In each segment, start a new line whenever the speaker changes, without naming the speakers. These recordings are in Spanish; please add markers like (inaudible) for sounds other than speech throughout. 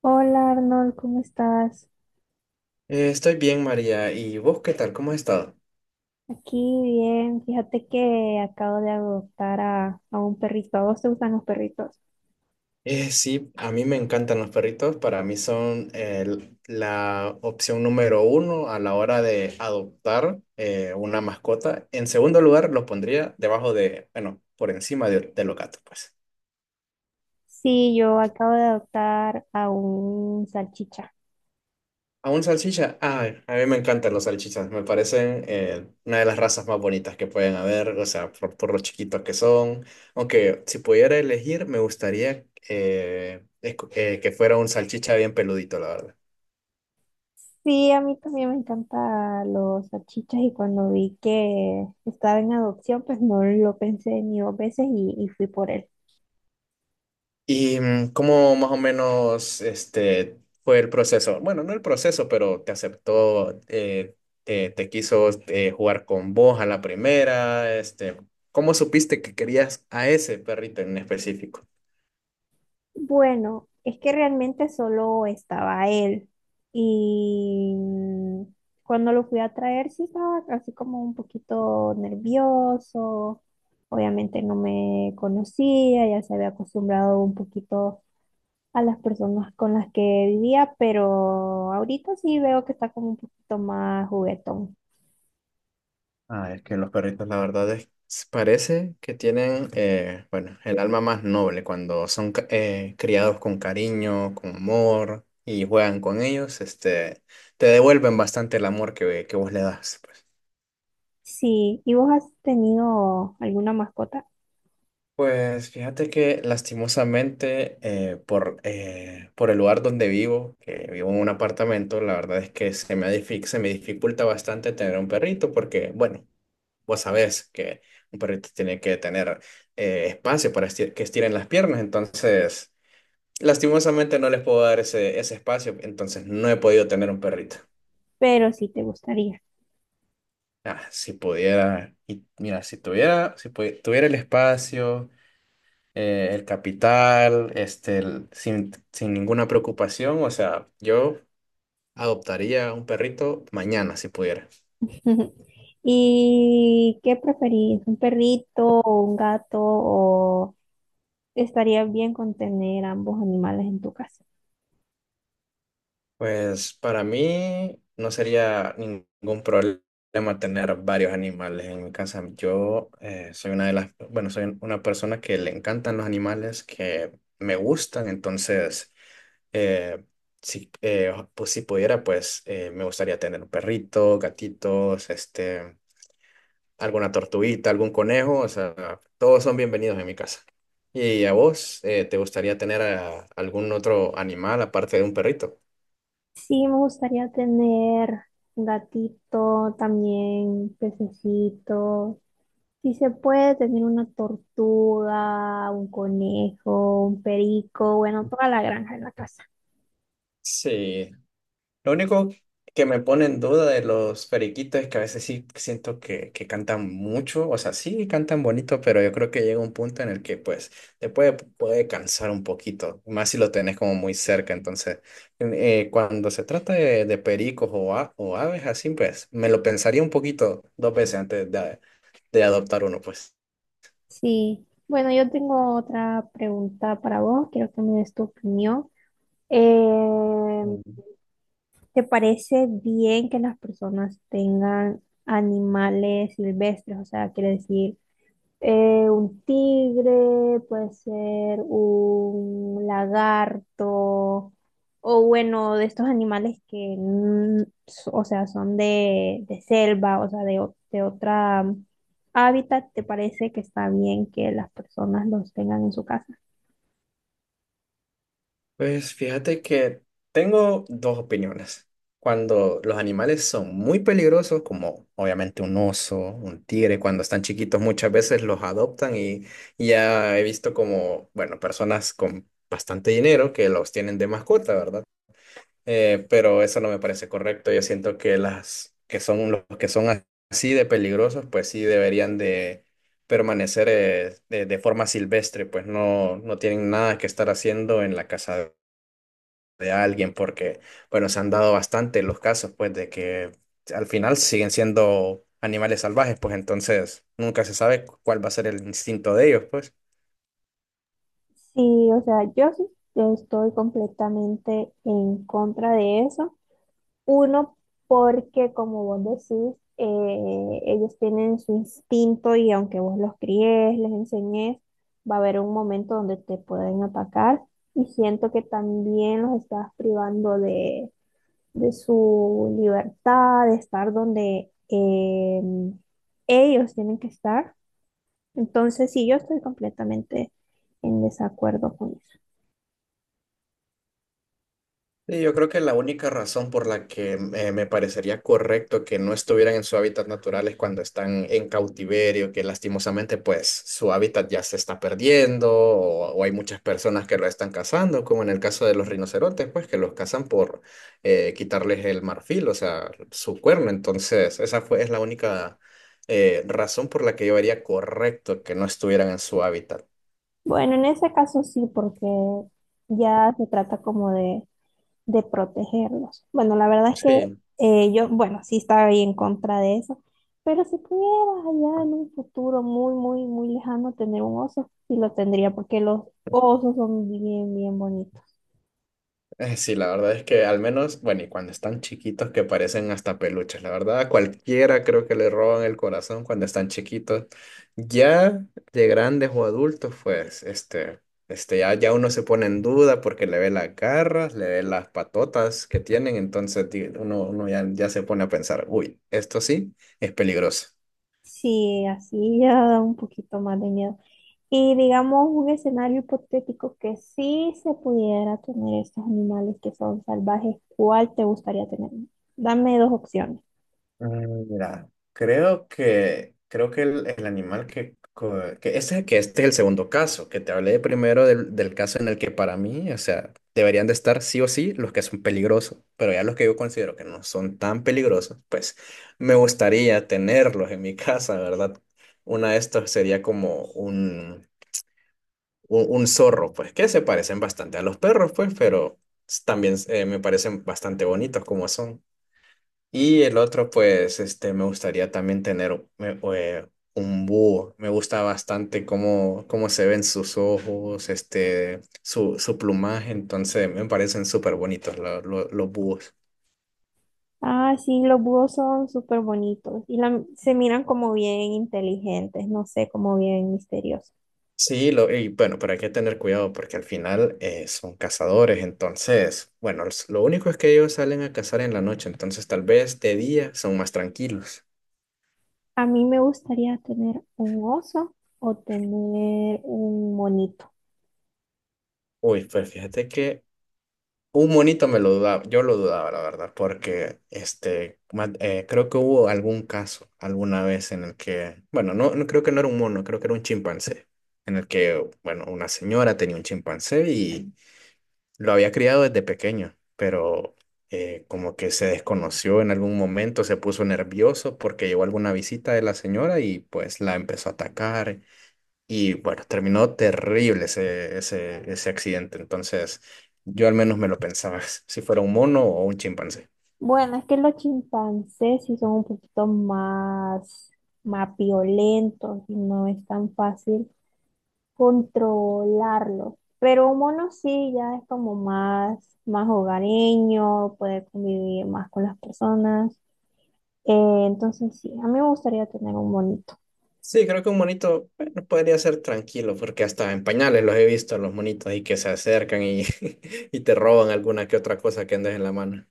Hola Arnold, ¿cómo estás?
Estoy bien, María. ¿Y vos qué tal? ¿Cómo has estado?
Aquí bien, fíjate que acabo de adoptar a un perrito. ¿A vos te gustan los perritos?
Sí, a mí me encantan los perritos. Para mí son la opción número uno a la hora de adoptar una mascota. En segundo lugar, los pondría debajo de, bueno, por encima de los gatos, pues.
Sí, yo acabo de adoptar a un salchicha.
¿A un salchicha? Ay, a mí me encantan los salchichas, me parecen una de las razas más bonitas que pueden haber, o sea, por lo chiquitos que son. Aunque si pudiera elegir, me gustaría que fuera un salchicha bien peludito, la verdad.
Sí, a mí también me encantan los salchichas y cuando vi que estaba en adopción, pues no lo pensé ni dos veces y fui por él.
¿Y cómo más o menos este, fue el proceso? Bueno, no el proceso, pero te aceptó, te quiso jugar con vos a la primera, este, ¿cómo supiste que querías a ese perrito en específico?
Bueno, es que realmente solo estaba él. Y mm, cuando lo fui a traer, sí estaba así como un poquito nervioso. Obviamente no me conocía, ya se había acostumbrado un poquito a las personas con las que vivía, pero ahorita sí veo que está como un poquito más juguetón.
Ah, es que los perritos, la verdad es, parece que tienen, bueno, el alma más noble cuando son criados con cariño, con amor y juegan con ellos, este, te devuelven bastante el amor que vos le das, pues.
Sí, ¿y vos has tenido alguna mascota?
Pues fíjate que lastimosamente por el lugar donde vivo, que vivo en un apartamento, la verdad es que se me dificulta bastante tener un perrito porque, bueno, vos sabés que un perrito tiene que tener espacio que estiren las piernas, entonces lastimosamente no les puedo dar ese espacio, entonces no he podido tener un perrito.
Pero sí te gustaría.
Ah, si pudiera, y mira, si tuviera, si pudi- tuviera el espacio, el capital, este, sin ninguna preocupación, o sea, yo adoptaría un perrito mañana si pudiera.
Ujú. ¿Y qué preferís? ¿Un perrito o un gato? ¿O estaría bien con tener ambos animales en tu casa?
Pues para mí no sería ningún problema tener varios animales en mi casa. Yo soy una de las, bueno, soy una persona que le encantan los animales, que me gustan, entonces eh, si pudiera, pues me gustaría tener un perrito, gatitos, este, alguna tortuguita, algún conejo, o sea, todos son bienvenidos en mi casa. ¿Y a vos te gustaría tener algún otro animal aparte de un perrito?
Sí, me gustaría tener un gatito, también pececito. Si se puede tener una tortuga, un conejo, un perico, bueno, toda la granja en la casa.
Sí, lo único que me pone en duda de los periquitos es que a veces sí siento que cantan mucho, o sea, sí cantan bonito, pero yo creo que llega un punto en el que pues puede cansar un poquito, más si lo tenés como muy cerca. Entonces, cuando se trata de pericos o aves así, pues me lo pensaría un poquito dos veces antes de adoptar uno, pues.
Sí, bueno, yo tengo otra pregunta para vos, quiero que me des tu opinión. Eh, ¿Te parece bien que las personas tengan animales silvestres? O sea, quiere decir, un tigre, puede ser un lagarto, o bueno, de estos animales que, o sea, son de selva, o sea, de, o- de otra hábitat, ¿te parece que está bien que las personas los tengan en su casa?
Pues fíjate que tengo dos opiniones. Cuando los animales son muy peligrosos, como obviamente un oso, un tigre, cuando están chiquitos muchas veces los adoptan y ya he visto como, bueno, personas con bastante dinero que los tienen de mascota, ¿verdad? Pero eso no me parece correcto. Yo siento que las que son los que son así de peligrosos, pues sí deberían de permanecer de forma silvestre, pues no, no tienen nada que estar haciendo en la casa de alguien, porque, bueno, se han dado bastante los casos, pues, de que al final siguen siendo animales salvajes, pues entonces nunca se sabe cuál va a ser el instinto de ellos, pues.
Sí, o sea, yo sí estoy completamente en contra de eso. Uno, porque como vos decís, ellos tienen su instinto y aunque vos los críes, les enseñes, va a haber un momento donde te pueden atacar. Y siento que también los estás privando de su libertad, de estar donde ellos tienen que estar. Entonces, sí, yo estoy completamente en desacuerdo con eso.
Sí, yo creo que la única razón por la que me parecería correcto que no estuvieran en su hábitat natural es cuando están en cautiverio, que lastimosamente pues su hábitat ya se está perdiendo o hay muchas personas que lo están cazando, como en el caso de los rinocerontes, pues que los cazan por quitarles el marfil, o sea, su cuerno. Entonces, es la única razón por la que yo haría correcto que no estuvieran en su hábitat.
Bueno, en ese caso sí, porque ya se trata como de protegerlos. Bueno, la verdad es que
Sí.
yo, bueno, sí estaba ahí en contra de eso, pero si pudieras allá en un futuro muy, muy, muy lejano tener un oso, sí lo tendría, porque los osos son bien, bien bonitos.
Sí, la verdad es que al menos, bueno, y cuando están chiquitos que parecen hasta peluches, la verdad, a cualquiera creo que le roban el corazón cuando están chiquitos. Ya de grandes o adultos, pues, este, ya uno se pone en duda porque le ve las garras, le ve las patotas que tienen, entonces uno ya se pone a pensar, uy, esto sí es peligroso.
Sí, así ya da un poquito más de miedo. Y digamos un escenario hipotético que sí se pudiera tener estos animales que son salvajes, ¿cuál te gustaría tener? Dame dos opciones.
Mira, creo que el animal que, co- que ese que este es el segundo caso, que te hablé primero del caso en el que para mí, o sea, deberían de estar sí o sí los que son peligrosos, pero ya los que yo considero que no son tan peligrosos, pues me gustaría tenerlos en mi (laughs) casa, ¿verdad? Una de estas sería como un zorro, pues que se parecen bastante a los perros, pues, pero también me parecen bastante bonitos como son. Y el otro, pues, este, me gustaría también tener un búho. Me gusta bastante cómo, cómo se ven sus ojos, este, su plumaje. Entonces, me parecen súper bonitos los búhos.
Ah, sí, los búhos son súper bonitos y la- se miran como bien inteligentes, no sé, como bien misteriosos.
Sí, lo, y bueno, pero hay que tener cuidado porque al final son cazadores. Entonces, bueno, lo único es que ellos salen a cazar en la noche. Entonces, tal vez de día son más tranquilos.
A mí me gustaría tener un oso o tener un monito.
Uy, pues fíjate que un monito me lo dudaba, yo lo dudaba, la verdad, porque este, creo que hubo algún caso alguna vez en el que, bueno, no, no creo que no era un mono, creo que era un chimpancé, en el que, bueno, una señora tenía un chimpancé y lo había criado desde pequeño, pero como que se desconoció en algún momento, se puso nervioso porque llegó alguna visita de la señora y pues la empezó a atacar y bueno, terminó terrible ese accidente. Entonces, yo al menos me lo pensaba, (laughs) si fuera un mono o un chimpancé.
Bueno, es que los chimpancés sí son un poquito más, más violentos y no es tan fácil controlarlos. Pero un mono sí ya es como más, más hogareño, puede convivir más con las personas. Entonces sí, a mí me gustaría tener un bonito.
Sí, creo que un monito, bueno, podría ser tranquilo, porque hasta en pañales los he visto, los monitos ahí que se acercan y, (laughs) y te roban alguna que otra cosa que andes en la mano.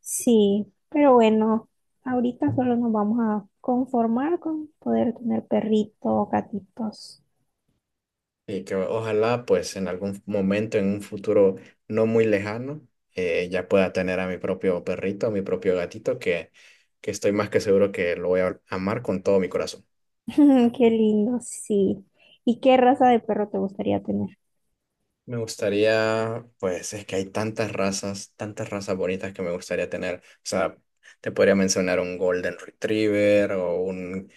Sí, pero bueno, ahorita solo nos vamos a conformar con poder tener perrito o gatitos.
Y que ojalá, pues, en algún momento, en un futuro no muy lejano, ya pueda tener a mi propio perrito, a mi propio gatito, que estoy más que seguro que lo voy a amar con todo mi corazón.
(laughs) Qué lindo, sí. ¿Y qué raza de perro te gustaría tener?
Me gustaría, pues es que hay tantas razas bonitas que me gustaría tener. O sea, te podría mencionar un Golden Retriever o un,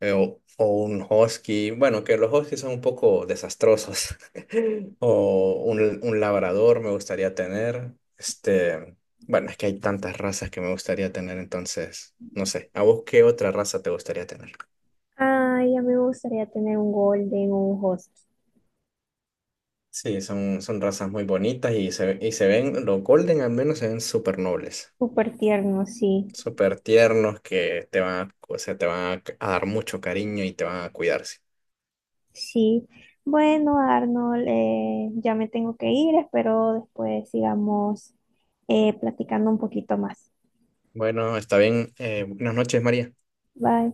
eh, o, o un Husky. Bueno, que los Huskies son un poco desastrosos. (laughs) O un Labrador me gustaría tener. Este, bueno, es que hay tantas razas que me gustaría tener, entonces, no sé. ¿A vos qué otra raza te gustaría tener?
Ay, a mí me gustaría tener un golden o un husky.
Sí, son, son razas muy bonitas y y se ven, los Golden al menos se ven súper nobles.
Súper tierno, sí.
Súper tiernos que te van a, o sea, te van a dar mucho cariño y te van a cuidarse.
Sí. Bueno, Arnold, ya me tengo que ir. Espero después sigamos platicando un poquito más.
Bueno, está bien. Buenas noches, María. Bye.
Bye.